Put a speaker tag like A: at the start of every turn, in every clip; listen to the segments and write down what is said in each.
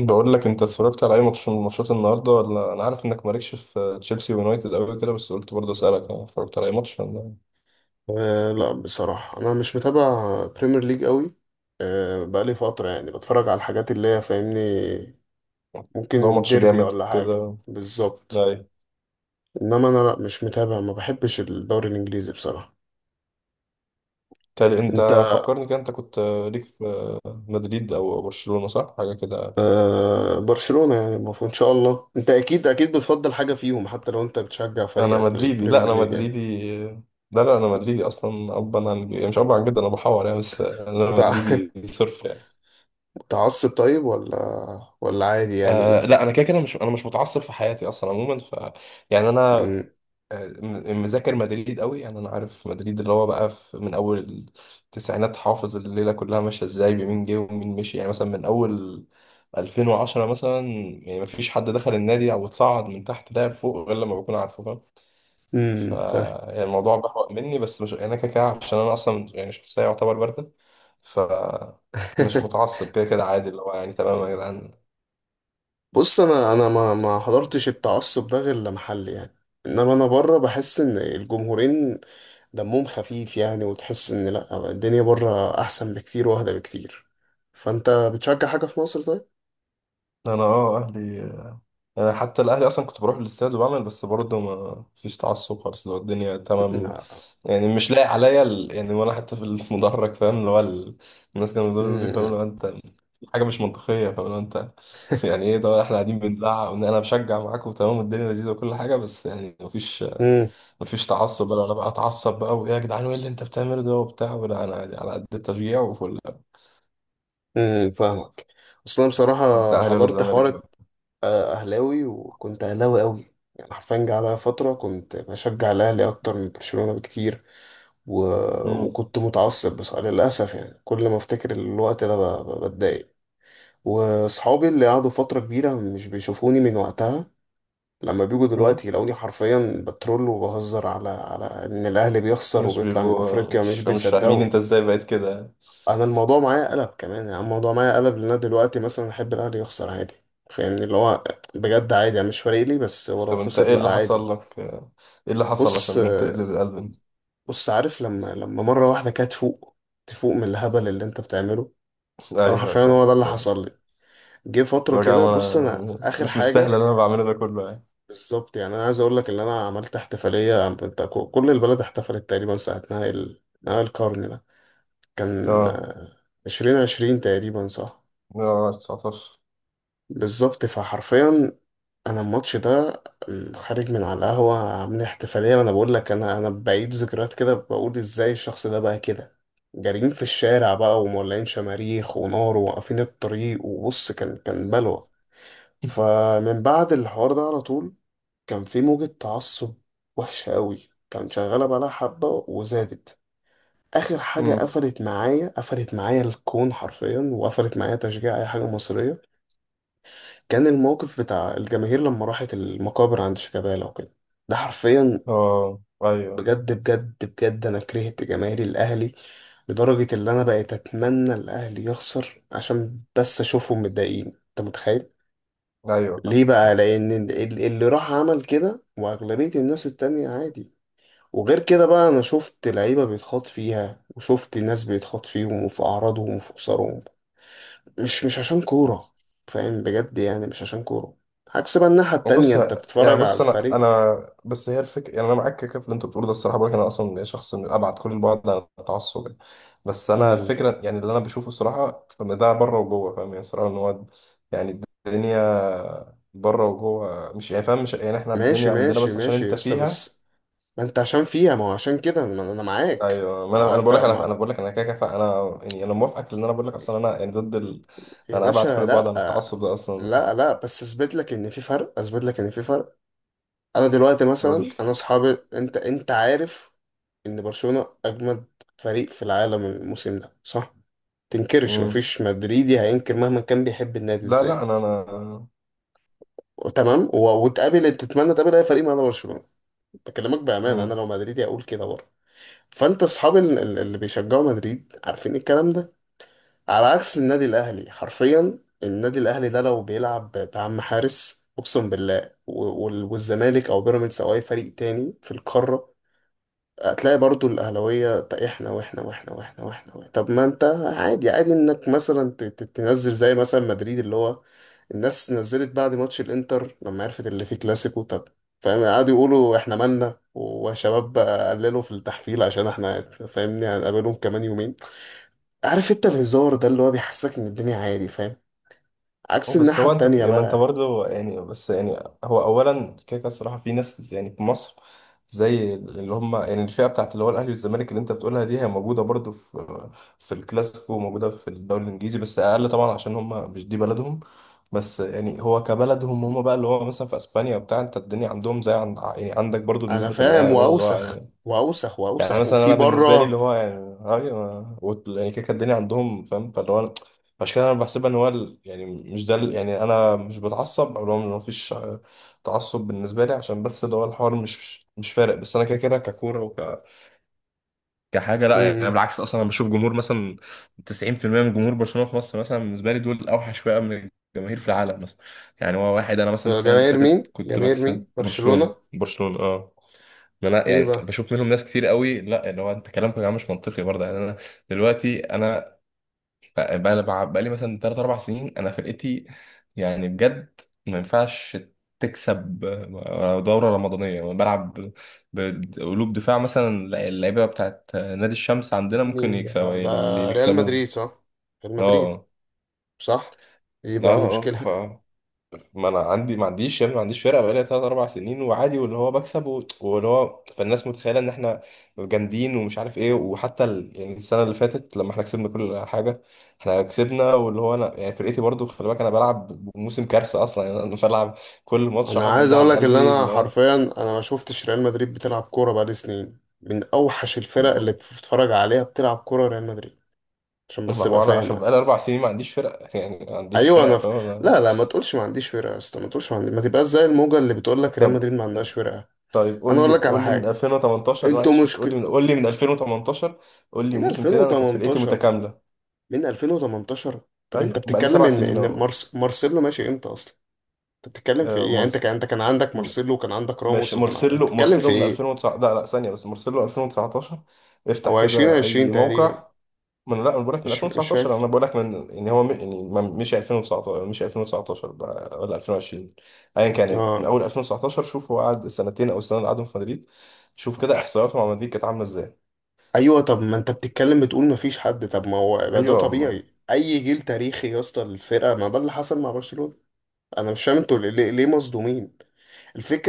A: بقول لك، انت اتفرجت على اي ماتش من ماتشات النهارده؟ ولا انا عارف انك مالكش في تشيلسي ويونايتد قوي كده، بس قلت برضه اسالك. انا اتفرجت على اي ماتش، ولا
B: لا، بصراحة أنا مش متابع بريمير ليج قوي. بقالي فترة، يعني بتفرج على الحاجات اللي هي، فاهمني؟
A: لو
B: ممكن
A: ماتش
B: ديربي
A: جامد
B: ولا حاجة
A: كده؟
B: بالظبط.
A: اي.
B: إنما أنا، لا، مش متابع، ما بحبش الدوري الإنجليزي بصراحة.
A: تالي، انت
B: أنت؟
A: فكرني كده، انت كنت ليك في مدريد او برشلونة، صح؟ حاجه كده.
B: برشلونة، يعني المفروض إن شاء الله. أنت أكيد أكيد بتفضل حاجة فيهم، حتى لو أنت بتشجع
A: انا
B: فريقك في
A: مدريدي، لا
B: البريمير
A: انا
B: ليج، يعني.
A: مدريدي، لا لا، انا مدريدي اصلا. ابا عن، يعني مش ابا عن جد، انا بحور يعني، بس انا
B: متع-
A: مدريدي صرف يعني.
B: متعصب طيب، ولا عادي، يعني
A: آه
B: إيزي؟
A: لا، انا كده كده مش متعصب في حياتي اصلا عموما. ف يعني انا مذاكر مدريد قوي يعني، انا عارف مدريد اللي هو بقى في، من اول التسعينات حافظ الليله كلها ماشيه ازاي، بمين جه ومين مشي، يعني مثلا من اول 2010 مثلا. يعني مفيش حد دخل النادي او اتصعد من تحت لعب فوق غير لما بكون عارفه، فاهم؟ ف
B: امم، فاهم.
A: يعني الموضوع بحوق مني، بس مش يعني، انا كده كده عشان انا اصلا يعني شخصيه يعتبر بارده. ف مش متعصب كده كده، عادي، اللي هو يعني تمام يا جدعان.
B: بص، انا ما حضرتش التعصب ده غير لما حل، يعني. انما انا بره، بحس ان الجمهورين دمهم خفيف، يعني، وتحس ان، لا، الدنيا بره احسن بكتير واهدى بكتير. فانت بتشجع حاجه في مصر؟ طيب.
A: انا اه اهلي. أنا حتى الأهلي، أصلا كنت بروح الاستاد وبعمل، بس برضه ما فيش تعصب خالص، اللي هو الدنيا تمام.
B: لا.
A: يعني مش لايق عليا يعني. وأنا حتى في المدرج، فاهم، اللي هو الناس كانوا بيقولوا لي، فاهم اللي
B: امم.
A: هو أنت حاجة مش منطقية، فاهم اللي هو أنت. يعني إيه ده؟ إحنا قاعدين بنزعق، وإن أنا بشجع معاكم وتمام والدنيا لذيذة وكل حاجة، بس يعني مفيش
B: امم.
A: مفيش تعصب بقى، أنا بقى أتعصب بقى وإيه يا جدعان وإيه اللي أنت بتعمله ده وبتاع، ولا أنا عادي على قد التشجيع وفل.
B: امم، فاهمك. اصل انا
A: أنت
B: بصراحه
A: أهلي ولا
B: حضرت
A: زمالك بقى؟
B: حوار. آه، أهلاوي، وكنت أهلاوي أوي. يعني حرفيا جه عليا فترة كنت بشجع الأهلي أكتر من برشلونة بكتير. و...
A: مم.
B: وكنت متعصب، بس للأسف يعني كل ما أفتكر الوقت ده، بتضايق. وصحابي اللي قعدوا فترة كبيرة مش بيشوفوني من وقتها، لما بيجوا
A: مم.
B: دلوقتي يلاقوني حرفيا بترول، وبهزر على إن الأهلي بيخسر
A: مش
B: وبيطلع من
A: بيبقوا
B: أفريقيا، مش
A: مش فاهمين
B: بيصدقوا.
A: أنت إزاي بقيت كده؟
B: انا الموضوع معايا قلب كمان، يعني الموضوع معايا قلب، لان انا دلوقتي مثلا احب الاهلي يخسر عادي. فاهمني، اللي هو، بجد عادي يعني، مش فارق لي، بس ولو
A: طب، انت
B: خسر،
A: ايه
B: لا،
A: اللي
B: عادي.
A: حصل لك؟ ايه اللي حصل
B: بص،
A: عشان تقلب القلب؟
B: بص، عارف لما مره واحده كده تفوق؟ تفوق من الهبل اللي انت بتعمله. فانا
A: ايوه
B: حرفيا
A: فاهم
B: هو ده اللي
A: فاهم.
B: حصل لي. جه فتره
A: لو يا
B: كده، بص
A: جماعة،
B: انا
A: انا
B: اخر
A: مش مستاهل
B: حاجه.
A: اللي انا بعمله ده كله يعني.
B: بالظبط، يعني انا عايز اقول لك ان انا عملت احتفاليه، انت كل البلد احتفلت تقريبا ساعه نهائي نهائي القرن ده. كان
A: اه.
B: 2020 تقريبا، صح؟
A: اه. 19.
B: بالظبط، فحرفيا، انا الماتش ده، خارج من على القهوه عاملين احتفاليه، وانا بقول لك انا بعيد ذكريات كده، بقول ازاي الشخص ده بقى كده. جارين في الشارع بقى، ومولعين شماريخ ونار، وواقفين الطريق، وبص، كان بلوى. فمن بعد الحوار ده على طول كان في موجة تعصب وحشة قوي، كان شغالة بقالها حبة وزادت. آخر حاجة
A: امم،
B: قفلت معايا، قفلت معايا الكون حرفيا، وقفلت معايا تشجيع أي حاجة مصرية. كان الموقف بتاع الجماهير لما راحت المقابر عند شيكابالا وكده، ده حرفيا،
A: اه، ايوه
B: بجد، بجد، بجد، انا كرهت جماهير الاهلي، لدرجة اللي انا بقيت اتمنى الاهلي يخسر عشان بس اشوفهم متضايقين، انت متخيل؟
A: ايوه
B: ليه بقى؟
A: فاهم.
B: لان اللي راح عمل كده واغلبية الناس التانية عادي. وغير كده بقى، انا شفت لعيبة بيتخاط فيها، وشفت ناس بيتخاط فيهم وفي اعراضهم وفي خسارهم، مش عشان كورة. فاهم بجد يعني، مش عشان كورة. عكس بقى الناحية التانية،
A: بص،
B: انت بتتفرج
A: يعني
B: على
A: بص، انا
B: الفريق.
A: انا بس هي الفكره، يعني انا معاك كده في اللي انت بتقوله ده. الصراحه بقولك، انا اصلا شخص من ابعد كل البعد عن التعصب يعني. بس انا
B: مم.
A: الفكره يعني اللي انا بشوفه الصراحه، ان ده بره وجوه فاهم يعني. الصراحه ان هو يعني الدنيا بره وجوه، مش يعني فاهم، مش يعني احنا
B: ماشي،
A: الدنيا عندنا
B: ماشي،
A: بس عشان
B: ماشي يا
A: انت
B: اسطى،
A: فيها.
B: بس ما انت عشان فيها، ما هو عشان كده ما انا معاك.
A: ايوه، ما
B: ما
A: انا
B: هو
A: انا
B: انت
A: بقول لك، انا
B: ما،
A: انا بقول لك، انا كده كده انا يعني انا موافقك، لان انا بقول لك اصلا، انا يعني ضد
B: يا
A: انا ابعد كل
B: باشا،
A: البعد
B: لا.
A: عن التعصب ده اصلا.
B: لا، لا، بس اثبت لك ان في فرق، اثبت لك ان في فرق. انا دلوقتي
A: بقول
B: مثلا،
A: لك.
B: انا اصحابي، انت عارف ان برشلونة اجمد فريق في العالم الموسم ده، صح؟ تنكرش؟ مفيش مدريدي هينكر مهما كان بيحب النادي
A: لا لا،
B: ازاي.
A: انا
B: تمام، و- وتقابل، تتمنى تقابل اي فريق ما عدا برشلونه. بكلمك بامانه، انا
A: مم.
B: لو مدريدي اقول كده برضه. فانت اصحاب اللي بيشجعوا مدريد عارفين الكلام ده. على عكس النادي الاهلي، حرفيا النادي الاهلي ده لو بيلعب بعم حارس، اقسم بالله، والزمالك او بيراميدز او اي فريق تاني في القاره، هتلاقي برضو الأهلاوية "طب إحنا وإحنا وإحنا وإحنا وإحنا وإحنا". طب ما أنت عادي، عادي إنك مثلا تنزل زي مثلا مدريد، اللي هو الناس نزلت بعد ماتش الإنتر لما عرفت اللي فيه كلاسيكو. طب فاهم، قعدوا يقولوا إحنا مالنا وشباب بقى قللوا في التحفيل عشان إحنا، فاهمني، هنقابلهم كمان يومين. عارف أنت الهزار ده اللي هو بيحسسك إن الدنيا عادي، فاهم؟ عكس
A: بس
B: الناحية
A: هو انت
B: التانية
A: في، ما انت
B: بقى.
A: برضه يعني، بس يعني هو اولا كده كده الصراحه، في ناس يعني في مصر زي اللي هم يعني الفئه بتاعت اللي هو الاهلي والزمالك، اللي انت بتقولها دي هي موجوده برضه في الكلاسيكو، وموجوده في الدوري الانجليزي بس اقل طبعا عشان هم مش دي بلدهم. بس يعني هو كبلدهم هم بقى، اللي هو مثلا في اسبانيا وبتاع، انت الدنيا عندهم زي عند، يعني عندك برضه،
B: أنا
A: بنسبه
B: فاهم،
A: ما برضه اللي هو
B: وأوسخ
A: يعني.
B: وأوسخ
A: يعني
B: وأوسخ
A: مثلا
B: وفي
A: انا بالنسبه لي
B: بره.
A: اللي هو يعني أيوة، يعني كده كده الدنيا عندهم فاهم، فاللي هو عشان كده انا بحسبها ان هو يعني مش ده يعني انا مش بتعصب، او اللي هو ما فيش، تعصب بالنسبه لي، عشان بس اللي هو الحوار مش فارق، بس انا كده كده ككوره كحاجه،
B: م-
A: لا يعني. أنا
B: م.
A: بالعكس، اصلا انا بشوف جمهور مثلا 90% من جمهور برشلونه في مصر، مثلا بالنسبه لي دول اوحش فئه من الجماهير في العالم مثلا. يعني هو واحد، انا مثلا السنه اللي
B: جماهير
A: فاتت
B: مين؟
A: كنت
B: جماهير
A: بكسب
B: مين؟ برشلونة.
A: برشلونه برشلونه، اه. ما انا
B: ايه
A: يعني
B: بقى؟
A: بشوف منهم ناس كتير قوي، لا اللي هو انت كلامكم يا جماعه مش منطقي برضه يعني. انا دلوقتي انا بقى لي مثلا 3 4 سنين انا فرقتي، يعني بجد، ما ينفعش تكسب دوره رمضانيه. انا بلعب بقلوب دفاع مثلا. لا، اللعيبه بتاعت نادي الشمس عندنا ممكن
B: مين ده؟
A: يكسبوا
B: ده
A: اللي
B: ريال
A: يكسبوهم.
B: مدريد، صح؟ ريال مدريد،
A: اه.
B: صح؟ ايه
A: اه.
B: بقى
A: اه. ف
B: المشكلة؟
A: ما انا عندي، ما عنديش يعني، ما عنديش فرقه بقالي ثلاث اربع سنين وعادي، واللي هو بكسب واللي هو، فالناس متخيله ان احنا جامدين ومش عارف ايه، وحتى يعني السنه اللي فاتت لما احنا كسبنا كل حاجه، احنا كسبنا، واللي هو انا يعني فرقتي برضو، خلي بالك انا بلعب موسم كارثه اصلا، يعني انا بلعب كل ماتش
B: انا
A: حاطط
B: عايز
A: ايدي
B: اقول
A: على
B: لك ان
A: قلبي
B: انا
A: اللي هو.
B: حرفيا، انا ما شفتش ريال مدريد بتلعب كورة بقالي سنين. من اوحش الفرق اللي بتتفرج عليها بتلعب كورة ريال مدريد، عشان بس
A: ما
B: تبقى
A: هو انا عشان
B: فاهم.
A: بقالي اربع سنين ما عنديش فرقه، يعني ما عنديش
B: ايوه،
A: فرقه
B: انا
A: فاهم
B: لا، لا، ما تقولش ما عنديش ورقة يا اسطى، ما تقولش ما عندي، ما تبقاش زي الموجة اللي بتقول لك ريال
A: طب.
B: مدريد ما عندهاش ورقة.
A: طيب،
B: انا
A: قول
B: اقول
A: لي
B: لك على
A: قول لي من
B: حاجة،
A: 2018،
B: انتوا
A: معلش، بس قول
B: مشكلة
A: لي من قول لي من 2018، قول لي
B: من
A: موسم كده انا كانت فرقتي
B: 2018،
A: متكامله.
B: من 2018. طب انت
A: ايوه بقى لي
B: بتتكلم
A: سبع
B: ان
A: سنين
B: ان
A: اهو.
B: مارسيلو ماشي امتى اصلا؟ انت بتتكلم في
A: آه،
B: ايه، يعني انت
A: مرس...
B: كان، انت كان عندك
A: م-
B: مارسيلو وكان عندك
A: ماشي،
B: راموس، وكان انت
A: مارسيلو
B: بتتكلم
A: مارسيلو
B: في
A: من
B: ايه؟
A: 2009، لا لا، ثانية بس، مارسيلو 2019. افتح
B: او
A: كده
B: 2020
A: اي
B: تقريبا،
A: موقع. لا انا بقول لك من
B: مش
A: 2019،
B: فاكر.
A: انا بقول لك من، يعني هو يعني مش 2019 مش 2019 بقى، ولا 2020 ايا كان يعني. من
B: اه،
A: اول 2019 شوف، هو قعد سنتين او السنة اللي قعدهم في مدريد، شوف كده احصائياته مع مدريد كانت عاملة ازاي.
B: ايوه، طب ما انت بتتكلم، بتقول مفيش حد؟ طب ما هو يبقى ده
A: ايوه
B: طبيعي، اي جيل تاريخي يا اسطى الفرقه، ما ده اللي حصل مع برشلونه. انا مش فاهم انتوا ليه، ليه، ليه مصدومين؟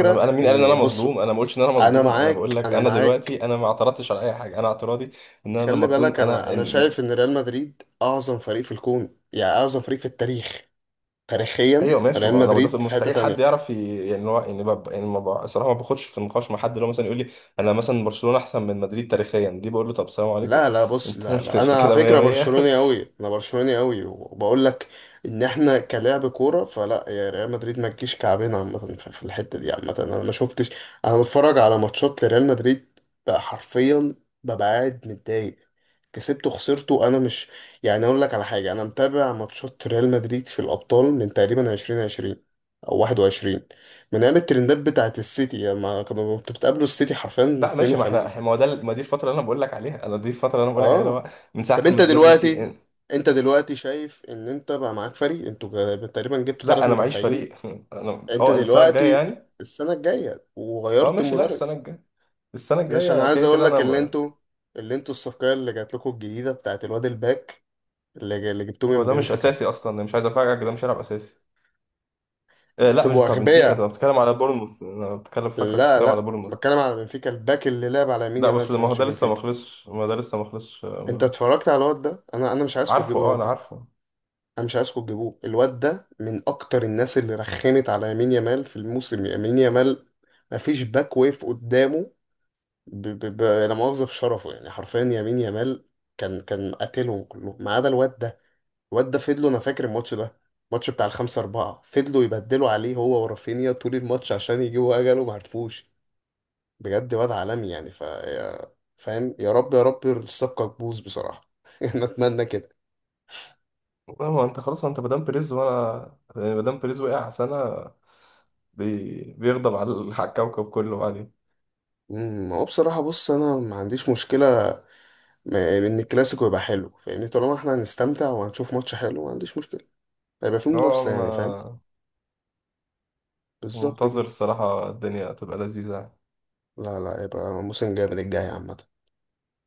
A: انا مين قال ان انا
B: ان، بص،
A: مصدوم؟ انا ما بقولش ان انا
B: انا
A: مصدوم. انا بقول
B: معاك،
A: لك
B: انا
A: انا
B: معاك.
A: دلوقتي، انا ما اعترضتش على اي حاجه. انا اعتراضي ان انا
B: خلي
A: لما اكون
B: بالك،
A: انا.
B: انا شايف ان ريال مدريد اعظم فريق في الكون، يعني اعظم فريق في التاريخ. تاريخيا
A: ايوه ماشي،
B: ريال
A: ما انا ما ده
B: مدريد في حته
A: مستحيل حد
B: تانية.
A: يعرف يعني هو يعني يعني ما ب... الصراحه، ما باخدش في نقاش مع حد اللي هو مثلا يقول لي انا مثلا برشلونه احسن من مدريد تاريخيا، دي بقول له طب سلام عليكم.
B: لا، لا، بص،
A: انت،
B: لا،
A: انت,
B: لا،
A: انت
B: انا على
A: كده 100
B: فكره
A: 100.
B: برشلوني قوي، انا برشلوني قوي، وبقول لك ان احنا كلاعب كوره، فلا، يا ريال مدريد ما تجيش كعبنا عامه، في الحته دي عامه، انا ما شفتش. انا بتفرج على ماتشات لريال مدريد بقى حرفيا، ببقى قاعد متضايق، كسبته، خسرته، انا مش، يعني اقول لك على حاجه، انا متابع ماتشات ريال مدريد في الابطال من تقريبا 2020 او 21، من ايام الترندات بتاعت السيتي لما كانوا، كنت بتقابلوا السيتي حرفيا
A: لا،
B: اثنين
A: ماشي، ما
B: وخميس.
A: احنا ما هو ده، ما دي الفتره اللي انا بقول لك عليها، انا دي الفتره اللي انا بقول لك عليها اللي هو
B: اه،
A: من
B: طب
A: ساعه
B: انت
A: ما زيدان مشي
B: دلوقتي، انت دلوقتي شايف ان انت بقى معاك فريق، انتوا تقريبا جبتوا
A: لا
B: ثلاث
A: انا معيش
B: مدافعين
A: فريق. انا
B: انت
A: اه السنه الجايه
B: دلوقتي
A: يعني،
B: السنه الجايه،
A: اه
B: وغيرت
A: ماشي، لا
B: المدرب.
A: السنه الجايه، السنه
B: مش، انا
A: الجايه
B: عايز
A: كده
B: اقول
A: كده
B: لك
A: انا
B: اللي انتوا، اللي انتوا الصفقه اللي جات لكم الجديده بتاعت الواد الباك، اللي جبتوه
A: هو
B: من
A: ده مش
B: بنفيكا.
A: اساسي اصلا، أنا مش عايز افاجئك، ده مش هيلعب اساسي.
B: انتوا
A: لا، مش
B: تبقوا
A: بتاع بنفيكا، انت
B: اغبياء.
A: بتتكلم على بورنموث، انا بتكلم فاكرك
B: لا،
A: بتتكلم على
B: لا،
A: بورنموث.
B: بتكلم على بنفيكا، الباك اللي لعب على يمين
A: لا
B: يامال
A: بس
B: في
A: ما هو
B: ماتش
A: ده لسه ما
B: بنفيكا.
A: خلصش، ما ده لسه ما خلصش
B: انت اتفرجت على الواد ده؟ انا مش عايزكم
A: عارفه،
B: تجيبوا
A: اه
B: الواد
A: انا
B: ده.
A: عارفه.
B: انا مش عايزكم تجيبوه، الواد ده من اكتر الناس اللي رخمت على يمين يامال في الموسم. يمين يامال مفيش باك ويف قدامه. لا مؤاخذة في شرفه، يعني حرفيا يمين يامال كان قاتلهم كلهم ما عدا الواد ده. الواد ده فضلوا، انا فاكر الماتش ده، الماتش بتاع 5-4، فضلوا يبدلوا عليه هو ورافينيا طول الماتش عشان يجيبوا أجله، معرفوش. بجد واد عالمي يعني، فاهم؟ يا رب، يا رب الصفقة تبوظ بصراحة. أنا أتمنى كده.
A: لا، ما هو انت خلاص، ما انت مدام بريز، وانا يعني مدام بريز وقع سنة بيغضب على الكوكب كله بعدين.
B: هو بصراحة، بص، أنا ما عنديش مشكلة ان الكلاسيكو يبقى حلو، فاهمني؟ طالما احنا هنستمتع وهنشوف ماتش حلو، ما عنديش مشكله. هيبقى فيه
A: اه،
B: منافسه،
A: انا
B: يعني فاهم. بالظبط
A: منتظر
B: كده.
A: الصراحة الدنيا تبقى لذيذة.
B: لا، لا، يبقى موسم جامد الجاي عامه.